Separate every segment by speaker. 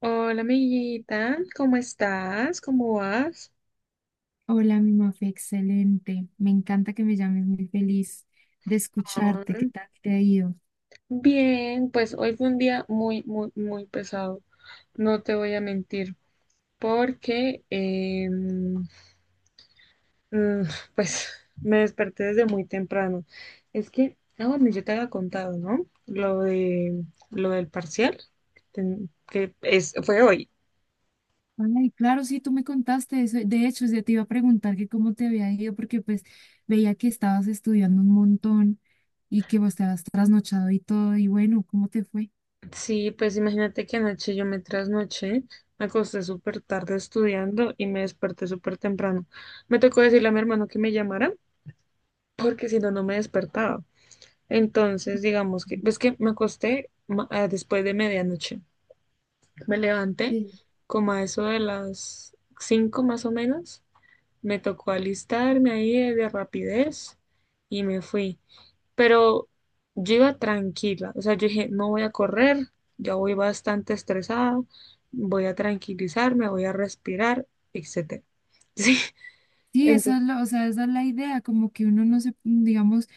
Speaker 1: Hola, amiguita, ¿cómo estás? ¿Cómo vas?
Speaker 2: Hola, mi Mafe, excelente. Me encanta que me llames, muy feliz de
Speaker 1: Ah,
Speaker 2: escucharte. ¿Qué tal te ha ido?
Speaker 1: Bien, pues hoy fue un día muy, muy, muy pesado, no te voy a mentir, porque mm, pues me desperté desde muy temprano. Es que, bueno, yo te había contado, ¿no? Lo del parcial, que es, fue hoy.
Speaker 2: Ay, claro, sí, tú me contaste eso. De hecho, yo te iba a preguntar que cómo te había ido, porque pues veía que estabas estudiando un montón y que vos te habías trasnochado y todo. Y bueno, ¿cómo te fue?
Speaker 1: Sí, pues imagínate que anoche yo me trasnoché, me acosté súper tarde estudiando y me desperté súper temprano. Me tocó decirle a mi hermano que me llamara porque si no, no me despertaba. Entonces, digamos que, ves que me acosté después de medianoche. Me levanté
Speaker 2: Sí.
Speaker 1: como a eso de las 5 más o menos. Me tocó alistarme ahí de rapidez y me fui. Pero yo iba tranquila, o sea, yo dije, no voy a correr, ya voy bastante estresada, voy a tranquilizarme, voy a respirar, etcétera. Sí,
Speaker 2: Sí,
Speaker 1: entonces
Speaker 2: o sea, esa es la idea, como que uno no se, digamos,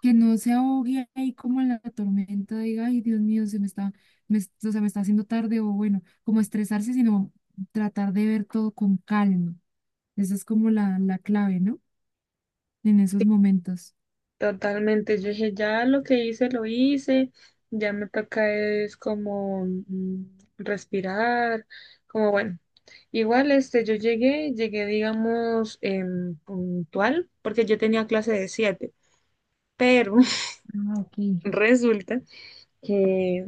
Speaker 2: que no se ahogue ahí como en la tormenta, diga, ay, Dios mío, se me está, me, o sea, me está haciendo tarde, o bueno, como estresarse, sino tratar de ver todo con calma. Esa es como la clave, ¿no? En esos momentos.
Speaker 1: totalmente, yo dije, ya lo que hice, lo hice, ya me toca es como respirar, como bueno. Igual, este, yo llegué, llegué, digamos, puntual, porque yo tenía clase de 7, pero
Speaker 2: Ah, ok.
Speaker 1: resulta que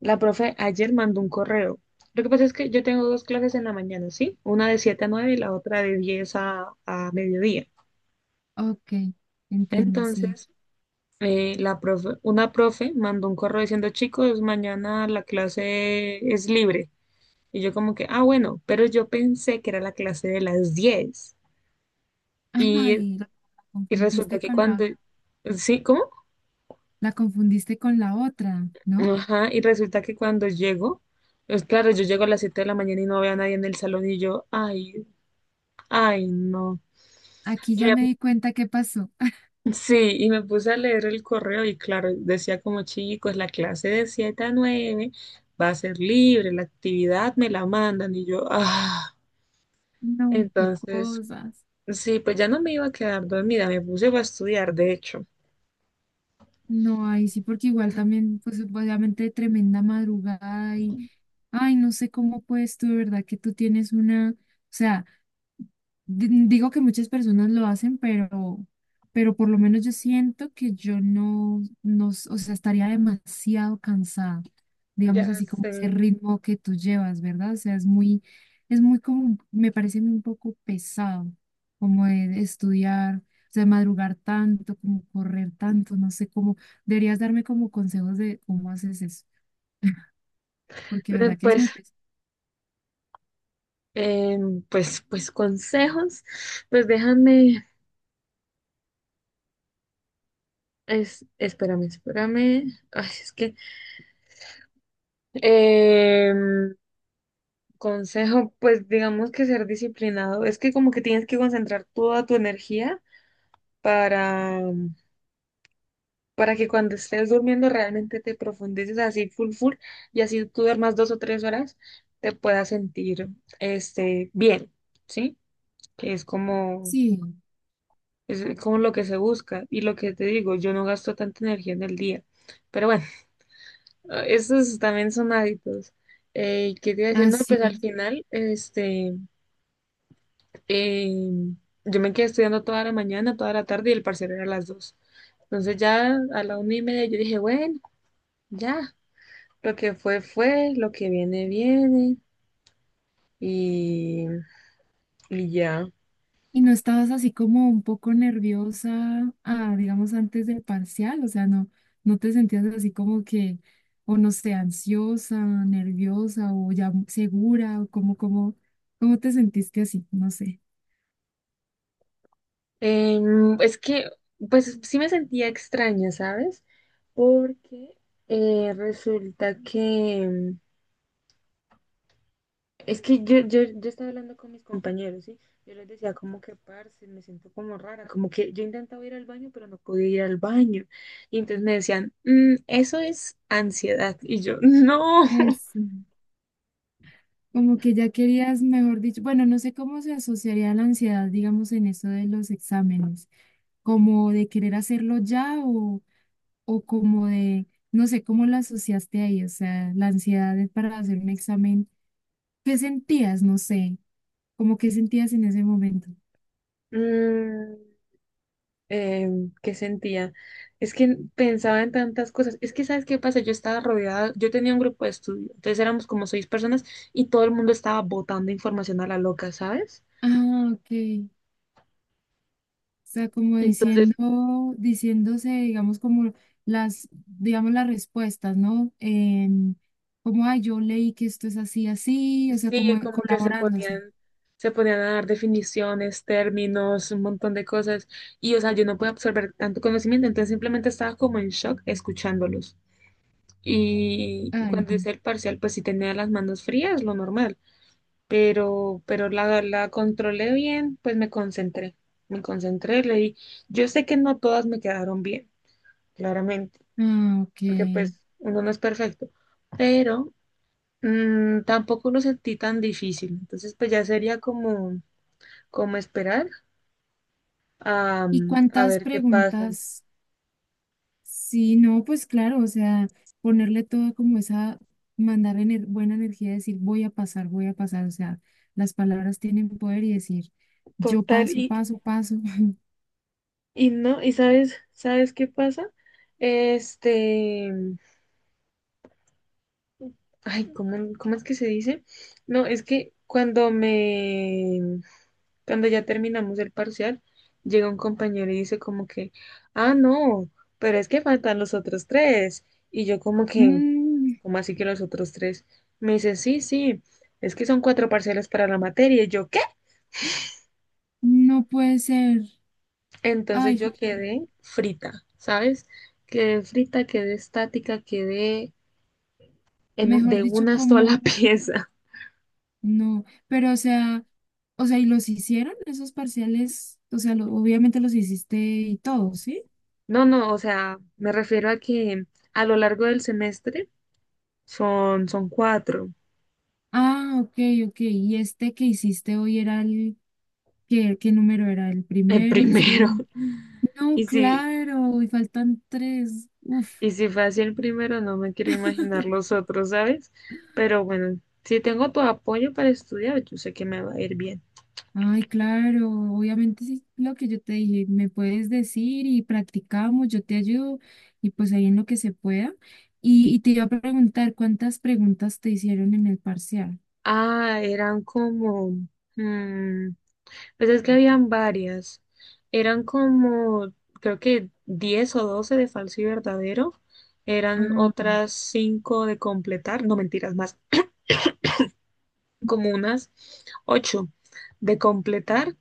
Speaker 1: la profe ayer mandó un correo. Lo que pasa es que yo tengo dos clases en la mañana, ¿sí? Una de 7 a 9 y la otra de diez a mediodía.
Speaker 2: Ok, entiendo, sí.
Speaker 1: Entonces, la profe, una profe mandó un correo diciendo, chicos, mañana la clase es libre. Y yo como que, ah, bueno, pero yo pensé que era la clase de las 10. Y,
Speaker 2: Ay, la
Speaker 1: y resulta
Speaker 2: confundiste
Speaker 1: que
Speaker 2: con
Speaker 1: cuando,
Speaker 2: la,
Speaker 1: ¿sí? ¿Cómo?
Speaker 2: la confundiste con la otra, ¿no?
Speaker 1: Ajá, y resulta que cuando llego, pues claro, yo llego a las 7 de la mañana y no veo a nadie en el salón y yo, ay, ay, no.
Speaker 2: Aquí
Speaker 1: Y
Speaker 2: ya me di cuenta qué pasó.
Speaker 1: sí, y me puse a leer el correo y claro, decía como chicos, la clase de 7 a 9, va a ser libre, la actividad me la mandan y yo,
Speaker 2: No, qué
Speaker 1: entonces,
Speaker 2: cosas.
Speaker 1: sí, pues ya no me iba a quedar dormida, me puse a estudiar, de hecho.
Speaker 2: No, ahí sí, porque igual también, pues obviamente tremenda madrugada y ay, no sé cómo puedes tú, de verdad, que tú tienes una, o sea, digo que muchas personas lo hacen, pero por lo menos yo siento que yo no, no, o sea, estaría demasiado cansada, digamos
Speaker 1: Ya
Speaker 2: así como ese
Speaker 1: sé.
Speaker 2: ritmo que tú llevas, ¿verdad? O sea, es muy como, me parece un poco pesado, como de estudiar, o sea, madrugar tanto, como correr tanto, no sé cómo, deberías darme como consejos de cómo haces eso, porque de verdad que es
Speaker 1: Pues,
Speaker 2: muy pesado.
Speaker 1: eh, pues consejos, pues déjame, espérame, espérame. Ay, es que, em, consejo, pues digamos que ser disciplinado. Es que como que tienes que concentrar toda tu energía para, para que cuando estés durmiendo realmente te profundices así full full y así tú duermas 2 o 3 horas te puedas sentir este bien, ¿sí? Que
Speaker 2: Sí,
Speaker 1: es como lo que se busca y lo que te digo, yo no gasto tanta energía en el día. Pero bueno, esos también son hábitos. ¿Qué te iba a decir? No, pues al
Speaker 2: así.
Speaker 1: final, este... Eh, yo me quedé estudiando toda la mañana, toda la tarde y el parcial era a las 2. Entonces ya a la 1:30 yo dije, bueno, ya, lo que fue fue, lo que viene viene y, y ya.
Speaker 2: ¿Y no estabas así como un poco nerviosa, ah, digamos, antes del parcial? O sea, no, no te sentías así como que, o no sé, ansiosa, nerviosa o ya segura, o como, ¿cómo te sentiste así? No sé.
Speaker 1: Es que, pues sí me sentía extraña, ¿sabes? Porque resulta que, es que yo estaba hablando con mis compañeros, ¿sí? Yo les decía como que, parce, me siento como rara, como que yo intentaba ir al baño, pero no podía ir al baño. Y entonces me decían, "Mm, eso es ansiedad". Y yo, no.
Speaker 2: Eso. Como que ya querías, mejor dicho, bueno, no sé cómo se asociaría la ansiedad, digamos, en eso de los exámenes, como de querer hacerlo ya o como de, no sé, cómo la asociaste ahí, o sea, la ansiedad es para hacer un examen. ¿Qué sentías? No sé, como qué sentías en ese momento.
Speaker 1: Mm, ¿qué sentía? Es que pensaba en tantas cosas. Es que, ¿sabes qué pasa? Yo estaba rodeada, yo tenía un grupo de estudio, entonces éramos como seis personas y todo el mundo estaba botando información a la loca, ¿sabes?
Speaker 2: Ah, ok. O sea, como
Speaker 1: Entonces
Speaker 2: diciendo, diciéndose, digamos, como las, digamos, las respuestas, ¿no? Como, ay, yo leí que esto es así, así, o sea,
Speaker 1: sí,
Speaker 2: como
Speaker 1: como que
Speaker 2: colaborándose.
Speaker 1: se ponían a dar definiciones, términos, un montón de cosas. Y, o sea, yo no puedo absorber tanto conocimiento, entonces simplemente estaba como en shock escuchándolos. Y
Speaker 2: Ay,
Speaker 1: cuando
Speaker 2: no.
Speaker 1: hice el parcial, pues sí tenía las manos frías, lo normal. Pero la controlé bien, pues me concentré. Me concentré, leí. Yo sé que no todas me quedaron bien, claramente,
Speaker 2: Ah, ok.
Speaker 1: porque pues uno no es perfecto. Pero tampoco lo sentí tan difícil, entonces pues ya sería como esperar a,
Speaker 2: ¿Y
Speaker 1: a
Speaker 2: cuántas
Speaker 1: ver qué pasa.
Speaker 2: preguntas? Sí, no, pues claro, o sea, ponerle todo como esa, mandar buena energía, decir voy a pasar, o sea, las palabras tienen poder y decir yo
Speaker 1: Total,
Speaker 2: paso,
Speaker 1: y,
Speaker 2: paso, paso.
Speaker 1: y no, y sabes, ¿sabes qué pasa? Este, ay, cómo es que se dice? No, es que cuando ya terminamos el parcial, llega un compañero y dice como que, ah, no, pero es que faltan los otros tres, y yo como que...
Speaker 2: Mm,
Speaker 1: como así que los otros tres? Me dice, sí, sí, es que son cuatro parcelas para la materia. Y yo, ¿qué?
Speaker 2: no puede ser,
Speaker 1: Entonces
Speaker 2: ay,
Speaker 1: yo
Speaker 2: joder,
Speaker 1: quedé frita, ¿sabes? Quedé frita, quedé estática, quedé
Speaker 2: mejor
Speaker 1: de
Speaker 2: dicho,
Speaker 1: una sola
Speaker 2: como
Speaker 1: pieza.
Speaker 2: no, pero o sea, ¿y los hicieron esos parciales? O sea, obviamente los hiciste y todo, ¿sí?
Speaker 1: No, no, o sea, me refiero a que a lo largo del semestre son cuatro.
Speaker 2: Ah, ok, ok, y este que hiciste hoy era el, ¿qué, qué número era? ¿El
Speaker 1: El
Speaker 2: primero, el
Speaker 1: primero.
Speaker 2: segundo? No,
Speaker 1: Y si,
Speaker 2: claro, y faltan tres. Uf,
Speaker 1: y si fue así el primero, no me quiero imaginar los otros, ¿sabes? Pero bueno, si tengo tu apoyo para estudiar, yo sé que me va a ir bien.
Speaker 2: ay, claro, obviamente sí, lo que yo te dije, me puedes decir y practicamos, yo te ayudo y pues ahí en lo que se pueda. Y te iba a preguntar, ¿cuántas preguntas te hicieron en el parcial?
Speaker 1: Eran como, mm, pues es que habían varias. Eran como, creo que 10 o 12 de falso y verdadero. Eran
Speaker 2: Ah,
Speaker 1: otras 5 de completar, no mentiras, más como unas 8 de completar.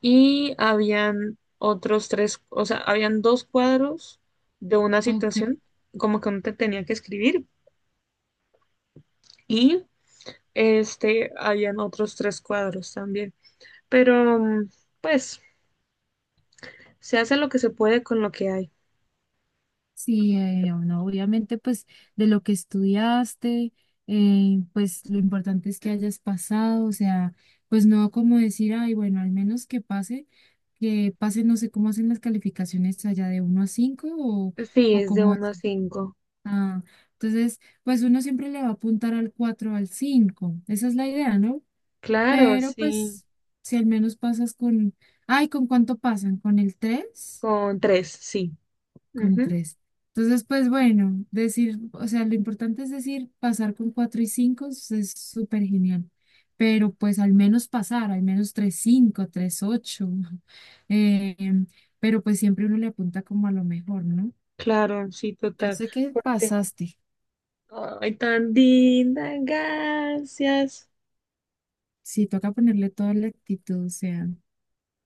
Speaker 1: Y habían otros tres, o sea, habían dos cuadros de una
Speaker 2: ok.
Speaker 1: situación, como que uno te tenía que escribir. Y este, habían otros tres cuadros también. Pero, pues. Se hace lo que se puede con lo que hay.
Speaker 2: Sí, bueno, obviamente pues de lo que estudiaste, pues lo importante es que hayas pasado, o sea, pues no como decir, ay, bueno, al menos que pase, no sé cómo hacen las calificaciones allá de uno a 5
Speaker 1: Sí,
Speaker 2: o
Speaker 1: es de
Speaker 2: cómo
Speaker 1: uno
Speaker 2: es.
Speaker 1: a cinco.
Speaker 2: Ah, entonces, pues uno siempre le va a apuntar al 4 al cinco, esa es la idea, ¿no?
Speaker 1: Claro,
Speaker 2: Pero
Speaker 1: sí.
Speaker 2: pues si al menos pasas con, ay, ¿con cuánto pasan? ¿Con el tres,
Speaker 1: Con tres sí.
Speaker 2: con
Speaker 1: Ujú.
Speaker 2: tres? Entonces, pues bueno, decir, o sea, lo importante es decir, pasar con cuatro y cinco es súper genial, pero pues al menos pasar, al menos tres cinco, tres ocho, eh, pero pues siempre uno le apunta como a lo mejor, ¿no?
Speaker 1: Claro, sí,
Speaker 2: Yo
Speaker 1: total.
Speaker 2: sé que
Speaker 1: Porque,
Speaker 2: pasaste,
Speaker 1: ay, tan linda, gracias.
Speaker 2: sí, toca ponerle toda la actitud, o sea,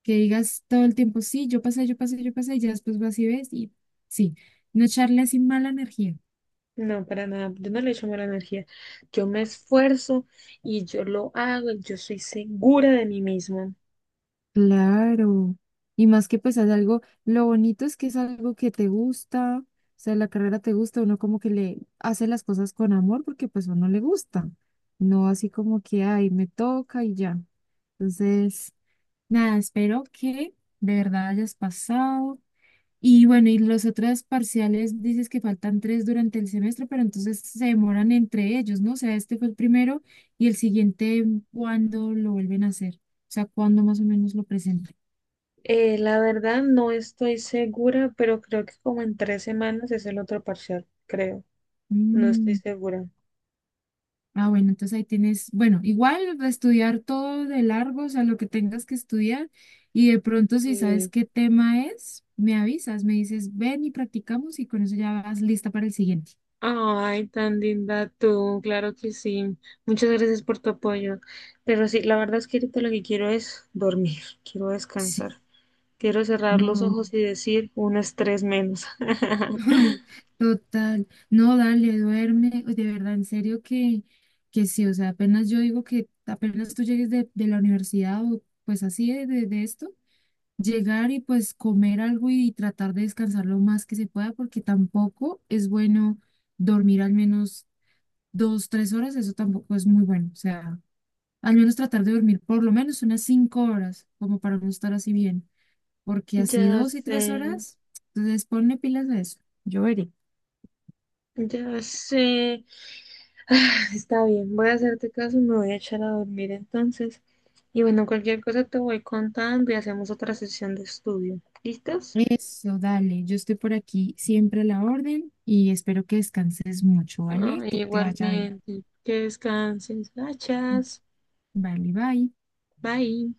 Speaker 2: que digas todo el tiempo, sí, yo pasé, yo pasé, yo pasé, y ya después vas y ves y sí, no echarle así mala energía.
Speaker 1: No, para nada, yo no le echo mala energía. Yo me esfuerzo y yo lo hago, yo soy segura de mí misma.
Speaker 2: Claro, y más que pues es algo, lo bonito es que es algo que te gusta, o sea, la carrera te gusta, uno como que le hace las cosas con amor porque pues a uno le gusta, no así como que, ay, me toca y ya. Entonces, nada, espero que de verdad hayas pasado. Y bueno, y los otros parciales, dices que faltan tres durante el semestre, pero entonces se demoran entre ellos, ¿no? O sea, este fue el primero y el siguiente, ¿cuándo lo vuelven a hacer? O sea, ¿cuándo más o menos lo presentan?
Speaker 1: La verdad no estoy segura, pero creo que como en 3 semanas es el otro parcial, creo. No estoy
Speaker 2: Mm,
Speaker 1: segura.
Speaker 2: ah, bueno, entonces ahí tienes, bueno, igual estudiar todo de largo, o sea, lo que tengas que estudiar, y de pronto si sabes
Speaker 1: Sí.
Speaker 2: qué tema es, me avisas, me dices, ven y practicamos y con eso ya vas lista para el siguiente.
Speaker 1: Ay, tan linda tú, claro que sí. Muchas gracias por tu apoyo. Pero sí, la verdad es que ahorita lo que quiero es dormir, quiero
Speaker 2: Sí.
Speaker 1: descansar, quiero cerrar los
Speaker 2: No,
Speaker 1: ojos y decir un estrés menos.
Speaker 2: total, no, dale, duerme, de verdad, en serio que sí, o sea, apenas yo digo que apenas tú llegues de la universidad o pues así de esto. Llegar y pues comer algo y tratar de descansar lo más que se pueda, porque tampoco es bueno dormir al menos 2, 3 horas, eso tampoco es muy bueno. O sea, al menos tratar de dormir por lo menos unas 5 horas, como para no estar así bien, porque así
Speaker 1: Ya
Speaker 2: dos y
Speaker 1: sé,
Speaker 2: tres horas, entonces ponle pilas a eso. Yo veré.
Speaker 1: ya sé. Está bien, voy a hacerte caso, me voy a echar a dormir entonces. Y bueno, cualquier cosa te voy contando y hacemos otra sesión de estudio. ¿Listos?
Speaker 2: Eso, dale, yo estoy por aquí siempre a la orden y espero que descanses mucho, ¿vale? Que te vaya bien.
Speaker 1: Igualmente, que descanses. Gracias.
Speaker 2: Vale, bye.
Speaker 1: Bye.